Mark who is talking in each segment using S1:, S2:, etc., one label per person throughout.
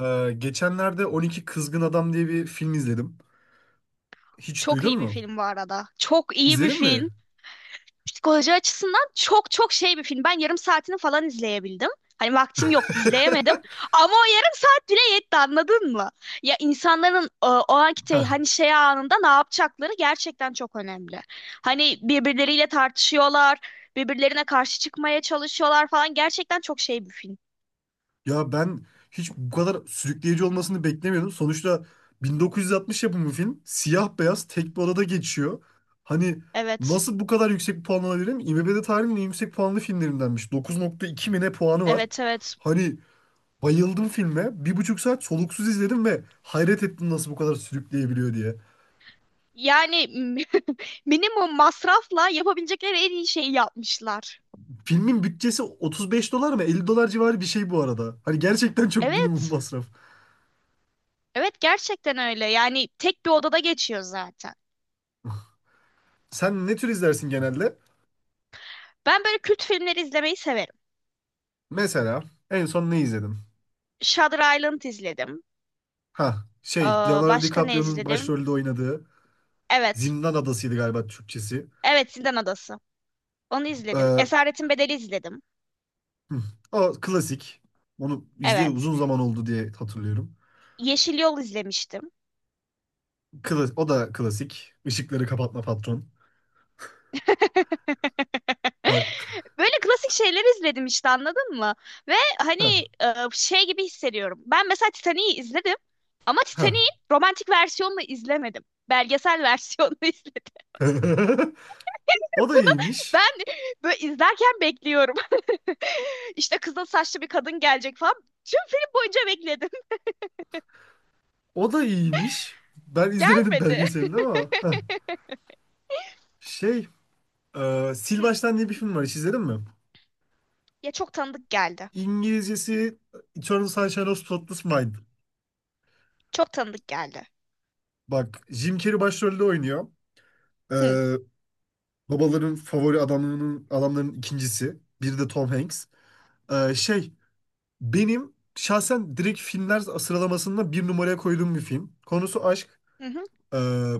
S1: Geçenlerde 12 Kızgın Adam diye bir film izledim. Hiç
S2: Çok
S1: duydun
S2: iyi bir
S1: mu?
S2: film bu arada. Çok iyi bir
S1: İzledin mi?
S2: film. Psikoloji açısından çok çok şey bir film. Ben yarım saatini falan izleyebildim. Hani vaktim yoktu izleyemedim. Ama o yarım saat bile yetti anladın mı? Ya insanların o anki
S1: Heh.
S2: hani şey anında ne yapacakları gerçekten çok önemli. Hani birbirleriyle tartışıyorlar, birbirlerine karşı çıkmaya çalışıyorlar falan. Gerçekten çok şey bir film.
S1: Ya ben hiç bu kadar sürükleyici olmasını beklemiyordum. Sonuçta 1960 yapımı film. Siyah beyaz tek bir odada geçiyor. Hani
S2: Evet.
S1: nasıl bu kadar yüksek bir puan alabilirim? IMDb'de tarihin en yüksek puanlı filmlerindenmiş. 9,2 mi ne puanı var.
S2: Evet, evet.
S1: Hani bayıldım filme. Bir buçuk saat soluksuz izledim ve hayret ettim nasıl bu kadar sürükleyebiliyor diye.
S2: Yani minimum masrafla yapabilecekleri en iyi şeyi yapmışlar.
S1: Filmin bütçesi 35 dolar mı 50 dolar civarı bir şey bu arada. Hani gerçekten çok minimum
S2: Evet.
S1: masraf.
S2: Evet, gerçekten öyle. Yani tek bir odada geçiyor zaten.
S1: Sen ne tür izlersin genelde?
S2: Ben böyle kült filmleri izlemeyi severim.
S1: Mesela en son ne izledin?
S2: Shutter Island izledim.
S1: Ha
S2: Ee,
S1: şey Leonardo
S2: başka ne
S1: DiCaprio'nun
S2: izledim?
S1: başrolde oynadığı
S2: Evet.
S1: Zindan Adası'ydı galiba Türkçesi.
S2: Evet, Zindan Adası. Onu izledim.
S1: Ee,
S2: Esaretin Bedeli izledim.
S1: hı, o klasik. Onu izleyeli
S2: Evet.
S1: uzun zaman oldu diye hatırlıyorum.
S2: Yeşil Yol izlemiştim.
S1: O da klasik. Işıkları kapatma patron. Bak.
S2: Böyle klasik şeyler izledim işte anladın mı? Ve hani
S1: Ha,
S2: şey gibi hissediyorum. Ben mesela Titanic'i izledim ama
S1: ha.
S2: Titanic'in romantik versiyonunu izlemedim. Belgesel versiyonunu izledim.
S1: O da
S2: Bunu
S1: iyiymiş.
S2: Ben böyle izlerken bekliyorum. İşte kızıl saçlı bir kadın gelecek falan. Tüm film boyunca bekledim.
S1: O da iyiymiş. Ben izlemedim
S2: Gelmedi.
S1: belgeselini ama. Şey, Sil
S2: Hı.
S1: Baştan diye bir film var. Hiç izledin mi?
S2: Ya çok tanıdık geldi.
S1: İngilizcesi Eternal Sunshine of Spotless Mind.
S2: Çok tanıdık geldi.
S1: Bak, Jim Carrey başrolde oynuyor. E,
S2: Hı.
S1: babaların favori adamlarının adamların ikincisi. Biri de Tom Hanks. E, şey, benim şahsen direkt filmler sıralamasında bir numaraya koyduğum bir film. Konusu aşk.
S2: Hı hı.
S1: Ee,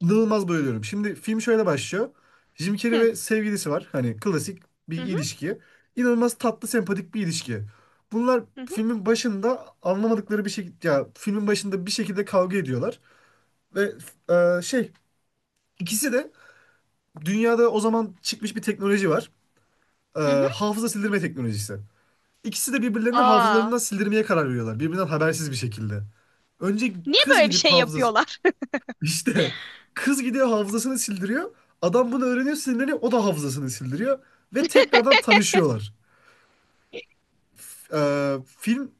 S1: inanılmaz bayılıyorum. Şimdi film şöyle başlıyor. Jim
S2: Hı
S1: Carrey
S2: hı.
S1: ve sevgilisi var. Hani klasik bir
S2: Hı hı.
S1: ilişki. İnanılmaz tatlı, sempatik bir ilişki. Bunlar
S2: Hı
S1: filmin başında anlamadıkları bir şekilde ya filmin başında bir şekilde kavga ediyorlar ve e, şey ikisi de dünyada o zaman çıkmış bir teknoloji var. E,
S2: hı. Hı.
S1: hafıza sildirme teknolojisi. İkisi de birbirlerini hafızalarından
S2: Aa,
S1: sildirmeye karar veriyorlar. Birbirinden habersiz bir şekilde. Önce
S2: niye
S1: kız
S2: böyle bir
S1: gidip
S2: şey
S1: hafıza
S2: yapıyorlar?
S1: İşte kız gidiyor hafızasını sildiriyor. Adam bunu öğreniyor sinirleniyor. O da hafızasını sildiriyor. Ve tekrardan tanışıyorlar. Film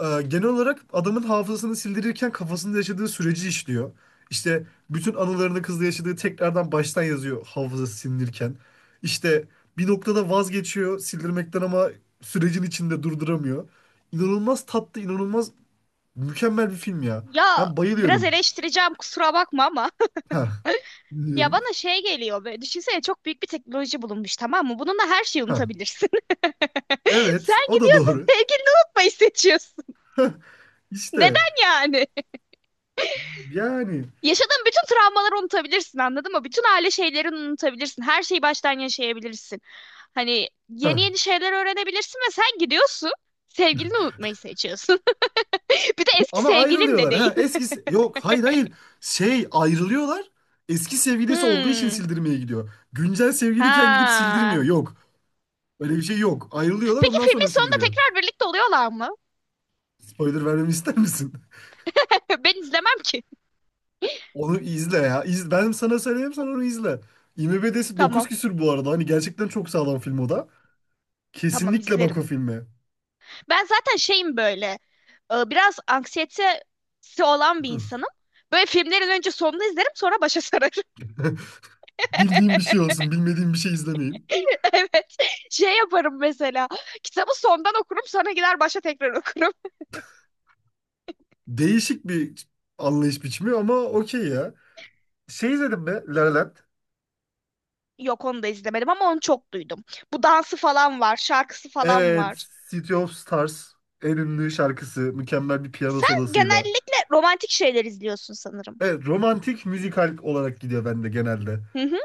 S1: genel olarak adamın hafızasını sildirirken kafasında yaşadığı süreci işliyor. İşte bütün anılarını kızla yaşadığı tekrardan baştan yazıyor hafızası silinirken. İşte bir noktada vazgeçiyor sildirmekten ama sürecin içinde durduramıyor. İnanılmaz tatlı, inanılmaz mükemmel bir film ya.
S2: Ya
S1: Ben
S2: biraz
S1: bayılıyorum.
S2: eleştireceğim, kusura bakma ama.
S1: Ha,
S2: Ya
S1: dinliyorum.
S2: bana şey geliyor, böyle düşünsene çok büyük bir teknoloji bulunmuş, tamam mı? Bununla her şeyi
S1: Ha.
S2: unutabilirsin. Sen
S1: Evet, o da
S2: gidiyorsun,
S1: doğru.
S2: sevgilini unutmayı seçiyorsun.
S1: İşte
S2: Neden yani?
S1: yani
S2: Yaşadığın bütün travmaları unutabilirsin anladın mı? Bütün aile şeylerini unutabilirsin. Her şeyi baştan yaşayabilirsin. Hani yeni
S1: ha.
S2: yeni şeyler öğrenebilirsin ve sen gidiyorsun. Sevgilini unutmayı seçiyorsun. Bir de eski
S1: Ama
S2: sevgilin de
S1: ayrılıyorlar.
S2: değil.
S1: Ha, eskisi yok, hayır hayır. Ayrılıyorlar. Eski sevgilisi olduğu için
S2: Hmm.
S1: sildirmeye gidiyor. Güncel sevgiliyken gidip sildirmiyor.
S2: Ha.
S1: Yok. Öyle bir şey yok. Ayrılıyorlar
S2: Peki
S1: ondan
S2: filmin
S1: sonra
S2: sonunda
S1: sildiriyor.
S2: tekrar birlikte oluyorlar mı?
S1: Spoiler vermemi ister misin?
S2: Ben izlemem ki.
S1: Onu izle ya. Ben sana söyleyeyim sen onu izle. IMDb'si 9
S2: Tamam.
S1: küsür bu arada. Hani gerçekten çok sağlam film o da.
S2: Tamam,
S1: Kesinlikle bak o
S2: izlerim.
S1: filme.
S2: Ben zaten şeyim böyle. Biraz anksiyetesi olan bir insanım. Böyle filmlerin önce sonunu izlerim, sonra başa sararım.
S1: Bildiğim bir şey olsun. Bilmediğim bir şey izlemeyeyim.
S2: Evet. Şey yaparım mesela. Kitabı sondan okurum, sonra gider başa tekrar okurum.
S1: Değişik bir anlayış biçimi ama okey ya. Şey izledim mi? La La Land.
S2: Yok, onu da izlemedim ama onu çok duydum. Bu dansı falan var, şarkısı falan
S1: Evet.
S2: var.
S1: City of Stars. En ünlü şarkısı. Mükemmel bir piyano
S2: Sen
S1: solosuyla.
S2: genellikle romantik şeyler izliyorsun sanırım.
S1: Evet. Romantik müzikal olarak gidiyor bende genelde.
S2: Hı hı,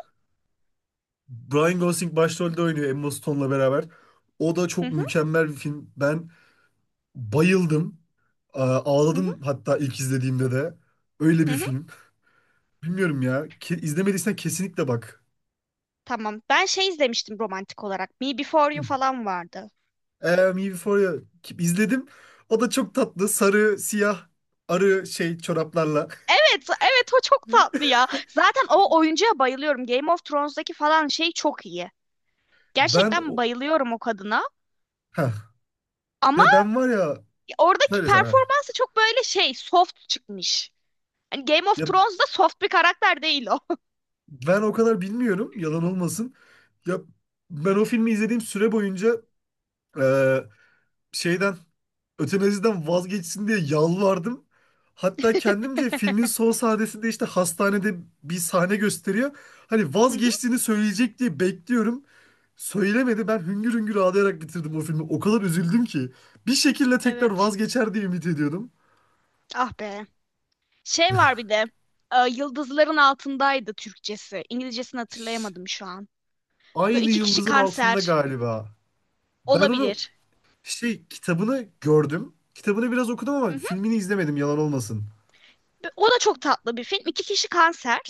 S1: Brian Gosling başrolde oynuyor Emma Stone'la beraber. O da
S2: hı
S1: çok
S2: hı,
S1: mükemmel bir film. Ben bayıldım. Aa,
S2: hı hı,
S1: ağladım hatta ilk izlediğimde de. Öyle bir
S2: hı.
S1: film. Bilmiyorum ya. İzlemediysen kesinlikle bak.
S2: Tamam. Ben şey izlemiştim romantik olarak. Me Before You falan vardı.
S1: Me Before You izledim. O da çok tatlı. Sarı, siyah, arı şey çoraplarla.
S2: Evet, evet o çok tatlı ya. Zaten o oyuncuya bayılıyorum. Game of Thrones'daki falan şey çok iyi.
S1: Ben
S2: Gerçekten
S1: o...
S2: bayılıyorum o kadına.
S1: Heh.
S2: Ama
S1: Ya ben var ya...
S2: oradaki
S1: Söyle sana.
S2: performansı çok böyle şey soft çıkmış. Hani Game of
S1: Ya
S2: Thrones'da soft bir karakter değil o.
S1: ben o kadar bilmiyorum. Yalan olmasın. Ya ben o filmi izlediğim süre boyunca e, şeyden ötenaziden vazgeçsin diye yalvardım. Hatta kendimce filmin son sahnesinde işte hastanede bir sahne gösteriyor. Hani
S2: Hı hı.
S1: vazgeçtiğini söyleyecek diye bekliyorum. Söylemedi. Ben hüngür hüngür ağlayarak bitirdim o filmi. O kadar üzüldüm ki. Bir şekilde tekrar
S2: Evet.
S1: vazgeçer diye ümit ediyordum.
S2: Ah be. Şey var bir de. Yıldızların altındaydı Türkçesi. İngilizcesini
S1: Ş-
S2: hatırlayamadım şu an. Böyle
S1: Aynı
S2: iki kişi
S1: yıldızın altında
S2: kanser
S1: galiba. Ben onu
S2: olabilir.
S1: şey kitabını gördüm. Kitabını biraz okudum
S2: Hı
S1: ama
S2: hı.
S1: filmini izlemedim yalan olmasın.
S2: Ve o da çok tatlı bir film. İki kişi kanser.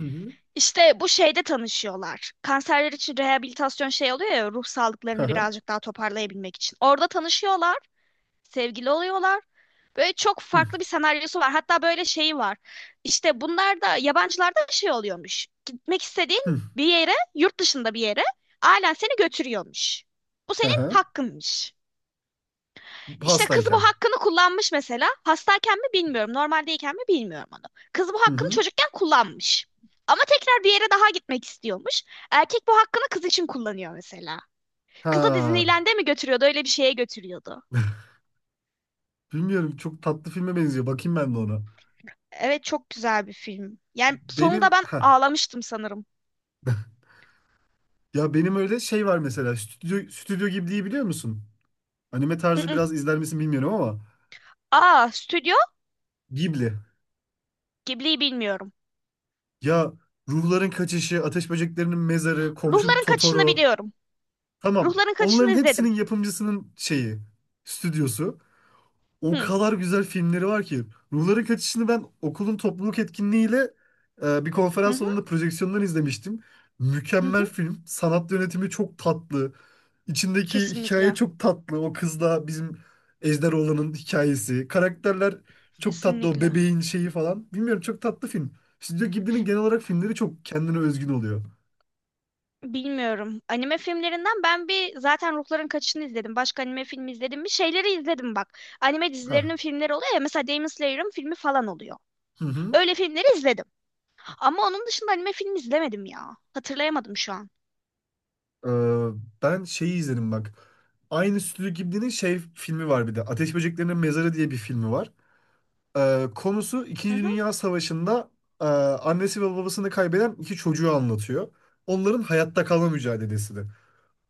S1: Hı hı.
S2: İşte bu şeyde tanışıyorlar. Kanserler için rehabilitasyon şey oluyor ya, ruh
S1: Hı
S2: sağlıklarını
S1: hı.
S2: birazcık daha toparlayabilmek için. Orada tanışıyorlar, sevgili oluyorlar. Böyle çok
S1: Hı
S2: farklı bir senaryosu var. Hatta böyle şeyi var. İşte bunlar da yabancılarda şey oluyormuş. Gitmek istediğin
S1: hı.
S2: bir yere, yurt dışında bir yere ailen seni götürüyormuş. Bu
S1: Hı
S2: senin
S1: hı.
S2: hakkınmış. İşte kız bu
S1: Hastayken.
S2: hakkını kullanmış mesela. Hastayken mi bilmiyorum, normaldeyken mi bilmiyorum onu. Kız bu
S1: Hı
S2: hakkını
S1: hı.
S2: çocukken kullanmış. Ama tekrar bir yere daha gitmek istiyormuş. Erkek bu hakkını kız için kullanıyor mesela. Kızı
S1: Ha,
S2: Disneyland'e mi götürüyordu, öyle bir şeye götürüyordu.
S1: bilmiyorum çok tatlı filme benziyor. Bakayım ben de ona.
S2: Evet, çok güzel bir film. Yani sonunda
S1: Benim
S2: ben
S1: ha
S2: ağlamıştım sanırım.
S1: Ya benim öyle şey var mesela Stüdyo Ghibli'yi biliyor musun? Anime tarzı
S2: Mm-mm.
S1: biraz izler misin bilmiyorum ama
S2: Aa, Stüdyo
S1: Ghibli.
S2: Ghibli'yi bilmiyorum.
S1: Ya Ruhların Kaçışı, Ateş Böceklerinin Mezarı, Komşum
S2: Ruhların Kaçışı'nı
S1: Totoro.
S2: biliyorum.
S1: Tamam.
S2: Ruhların Kaçışı'nı
S1: Onların
S2: izledim.
S1: hepsinin yapımcısının şeyi, stüdyosu. O
S2: Hı.
S1: kadar güzel filmleri var ki. Ruhların Kaçışı'nı ben okulun topluluk etkinliğiyle bir
S2: Hı
S1: konferans
S2: hı.
S1: salonunda projeksiyondan izlemiştim.
S2: Hı
S1: Mükemmel
S2: hı.
S1: film. Sanat yönetimi çok tatlı. İçindeki hikaye
S2: Kesinlikle.
S1: çok tatlı. O kızla bizim Ejderoğlan'ın hikayesi. Karakterler çok tatlı. O
S2: Kesinlikle.
S1: bebeğin şeyi falan. Bilmiyorum çok tatlı film. Stüdyo Ghibli'nin genel olarak filmleri çok kendine özgün oluyor.
S2: Bilmiyorum. Anime filmlerinden ben bir zaten Ruhların Kaçışı'nı izledim. Başka anime filmi izledim mi? Şeyleri izledim bak. Anime
S1: Ha.
S2: dizilerinin filmleri oluyor ya. Mesela Demon Slayer'ın filmi falan oluyor.
S1: Hı hı.
S2: Öyle filmleri izledim. Ama onun dışında anime filmi izlemedim ya. Hatırlayamadım şu an.
S1: Ee, ben şeyi izledim bak. Aynı Stüdyo Ghibli'nin şey filmi var bir de. Ateş Böceklerinin Mezarı diye bir filmi var. Konusu
S2: Hı
S1: İkinci
S2: hı.
S1: Dünya Savaşı'nda annesi ve babasını kaybeden iki çocuğu anlatıyor. Onların hayatta kalma mücadelesi de.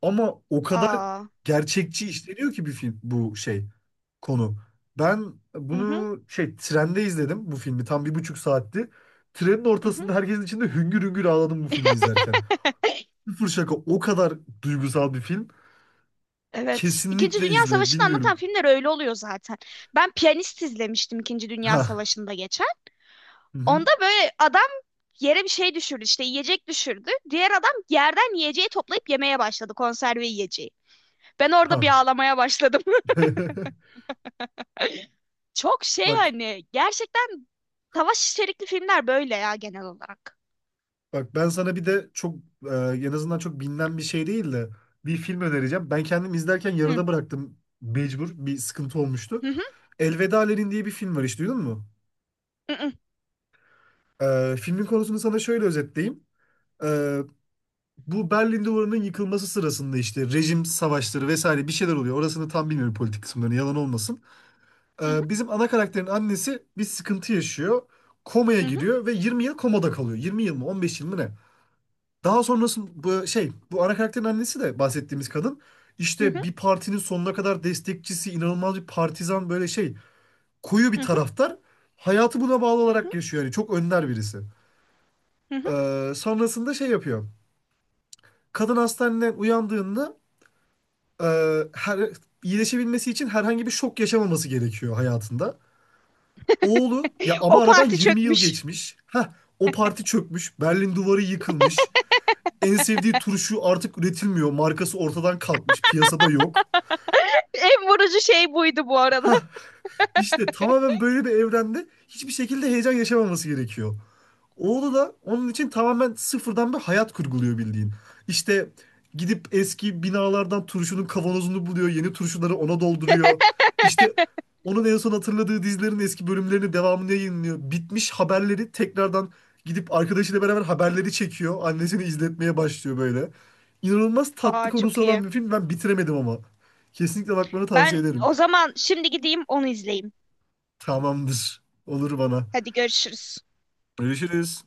S1: Ama o kadar
S2: Aa.
S1: gerçekçi işleniyor ki bir film bu şey konu. Ben
S2: Hı hı.
S1: bunu şey trende izledim bu filmi tam bir buçuk saatti. Trenin
S2: Hı hı.
S1: ortasında herkesin içinde hüngür hüngür ağladım bu filmi izlerken. Sıfır şaka o kadar duygusal bir film.
S2: Evet. İkinci
S1: Kesinlikle
S2: Dünya
S1: izle.
S2: Savaşı'nı anlatan
S1: Bilmiyorum.
S2: filmler öyle oluyor zaten. Ben Piyanist izlemiştim, İkinci Dünya
S1: Ha.
S2: Savaşı'nda geçen.
S1: Hı hı.
S2: Onda böyle adam yere bir şey düşürdü, işte yiyecek düşürdü. Diğer adam yerden yiyeceği toplayıp yemeye başladı, konserve yiyeceği. Ben orada bir
S1: Ha.
S2: ağlamaya başladım. Çok şey,
S1: Bak
S2: hani gerçekten savaş içerikli filmler böyle ya genel olarak.
S1: bak ben sana bir de çok e, en azından çok bilinen bir şey değil de bir film önereceğim. Ben kendim izlerken
S2: Hı
S1: yarıda bıraktım mecbur. Bir sıkıntı olmuştu.
S2: hı,
S1: Elveda Lenin diye bir film var hiç duydun mu?
S2: hı hı, hı
S1: Filmin konusunu sana şöyle özetleyeyim. E, bu Berlin Duvarı'nın yıkılması sırasında işte rejim savaşları vesaire bir şeyler oluyor. Orasını tam bilmiyorum politik kısımlarını yalan olmasın.
S2: hı,
S1: Bizim ana karakterin annesi bir sıkıntı yaşıyor. Komaya
S2: hı
S1: giriyor ve 20 yıl komada kalıyor. 20 yıl mı 15 yıl mı ne? Daha sonrasında bu şey bu ana karakterin annesi de bahsettiğimiz kadın
S2: hı,
S1: işte
S2: hı
S1: bir partinin sonuna kadar destekçisi, inanılmaz bir partizan böyle şey koyu
S2: hı,
S1: bir
S2: hı
S1: taraftar. Hayatı buna bağlı
S2: hı,
S1: olarak yaşıyor yani çok önder birisi.
S2: hı hı.
S1: Sonrasında şey yapıyor. Kadın hastaneden uyandığında e, her, iyileşebilmesi için herhangi bir şok yaşamaması gerekiyor hayatında. Oğlu ya ama
S2: O
S1: aradan
S2: parti
S1: 20 yıl
S2: çökmüş.
S1: geçmiş. Ha o parti çökmüş. Berlin duvarı yıkılmış. En sevdiği turşu artık üretilmiyor. Markası ortadan kalkmış. Piyasada yok.
S2: En vurucu şey buydu bu arada.
S1: Ha işte tamamen böyle bir evrende hiçbir şekilde heyecan yaşamaması gerekiyor. Oğlu da onun için tamamen sıfırdan bir hayat kurguluyor bildiğin. İşte gidip eski binalardan turşunun kavanozunu buluyor, yeni turşuları ona dolduruyor. İşte onun en son hatırladığı dizilerin eski bölümlerini devamını yayınlıyor. Bitmiş haberleri tekrardan gidip arkadaşıyla beraber haberleri çekiyor. Annesini izletmeye başlıyor böyle. İnanılmaz tatlı
S2: Aa, çok
S1: konusu
S2: iyi.
S1: olan bir film. Ben bitiremedim ama. Kesinlikle bakmanı
S2: Ben
S1: tavsiye ederim.
S2: o zaman şimdi gideyim onu izleyeyim.
S1: Tamamdır. Olur bana.
S2: Hadi, görüşürüz.
S1: Görüşürüz.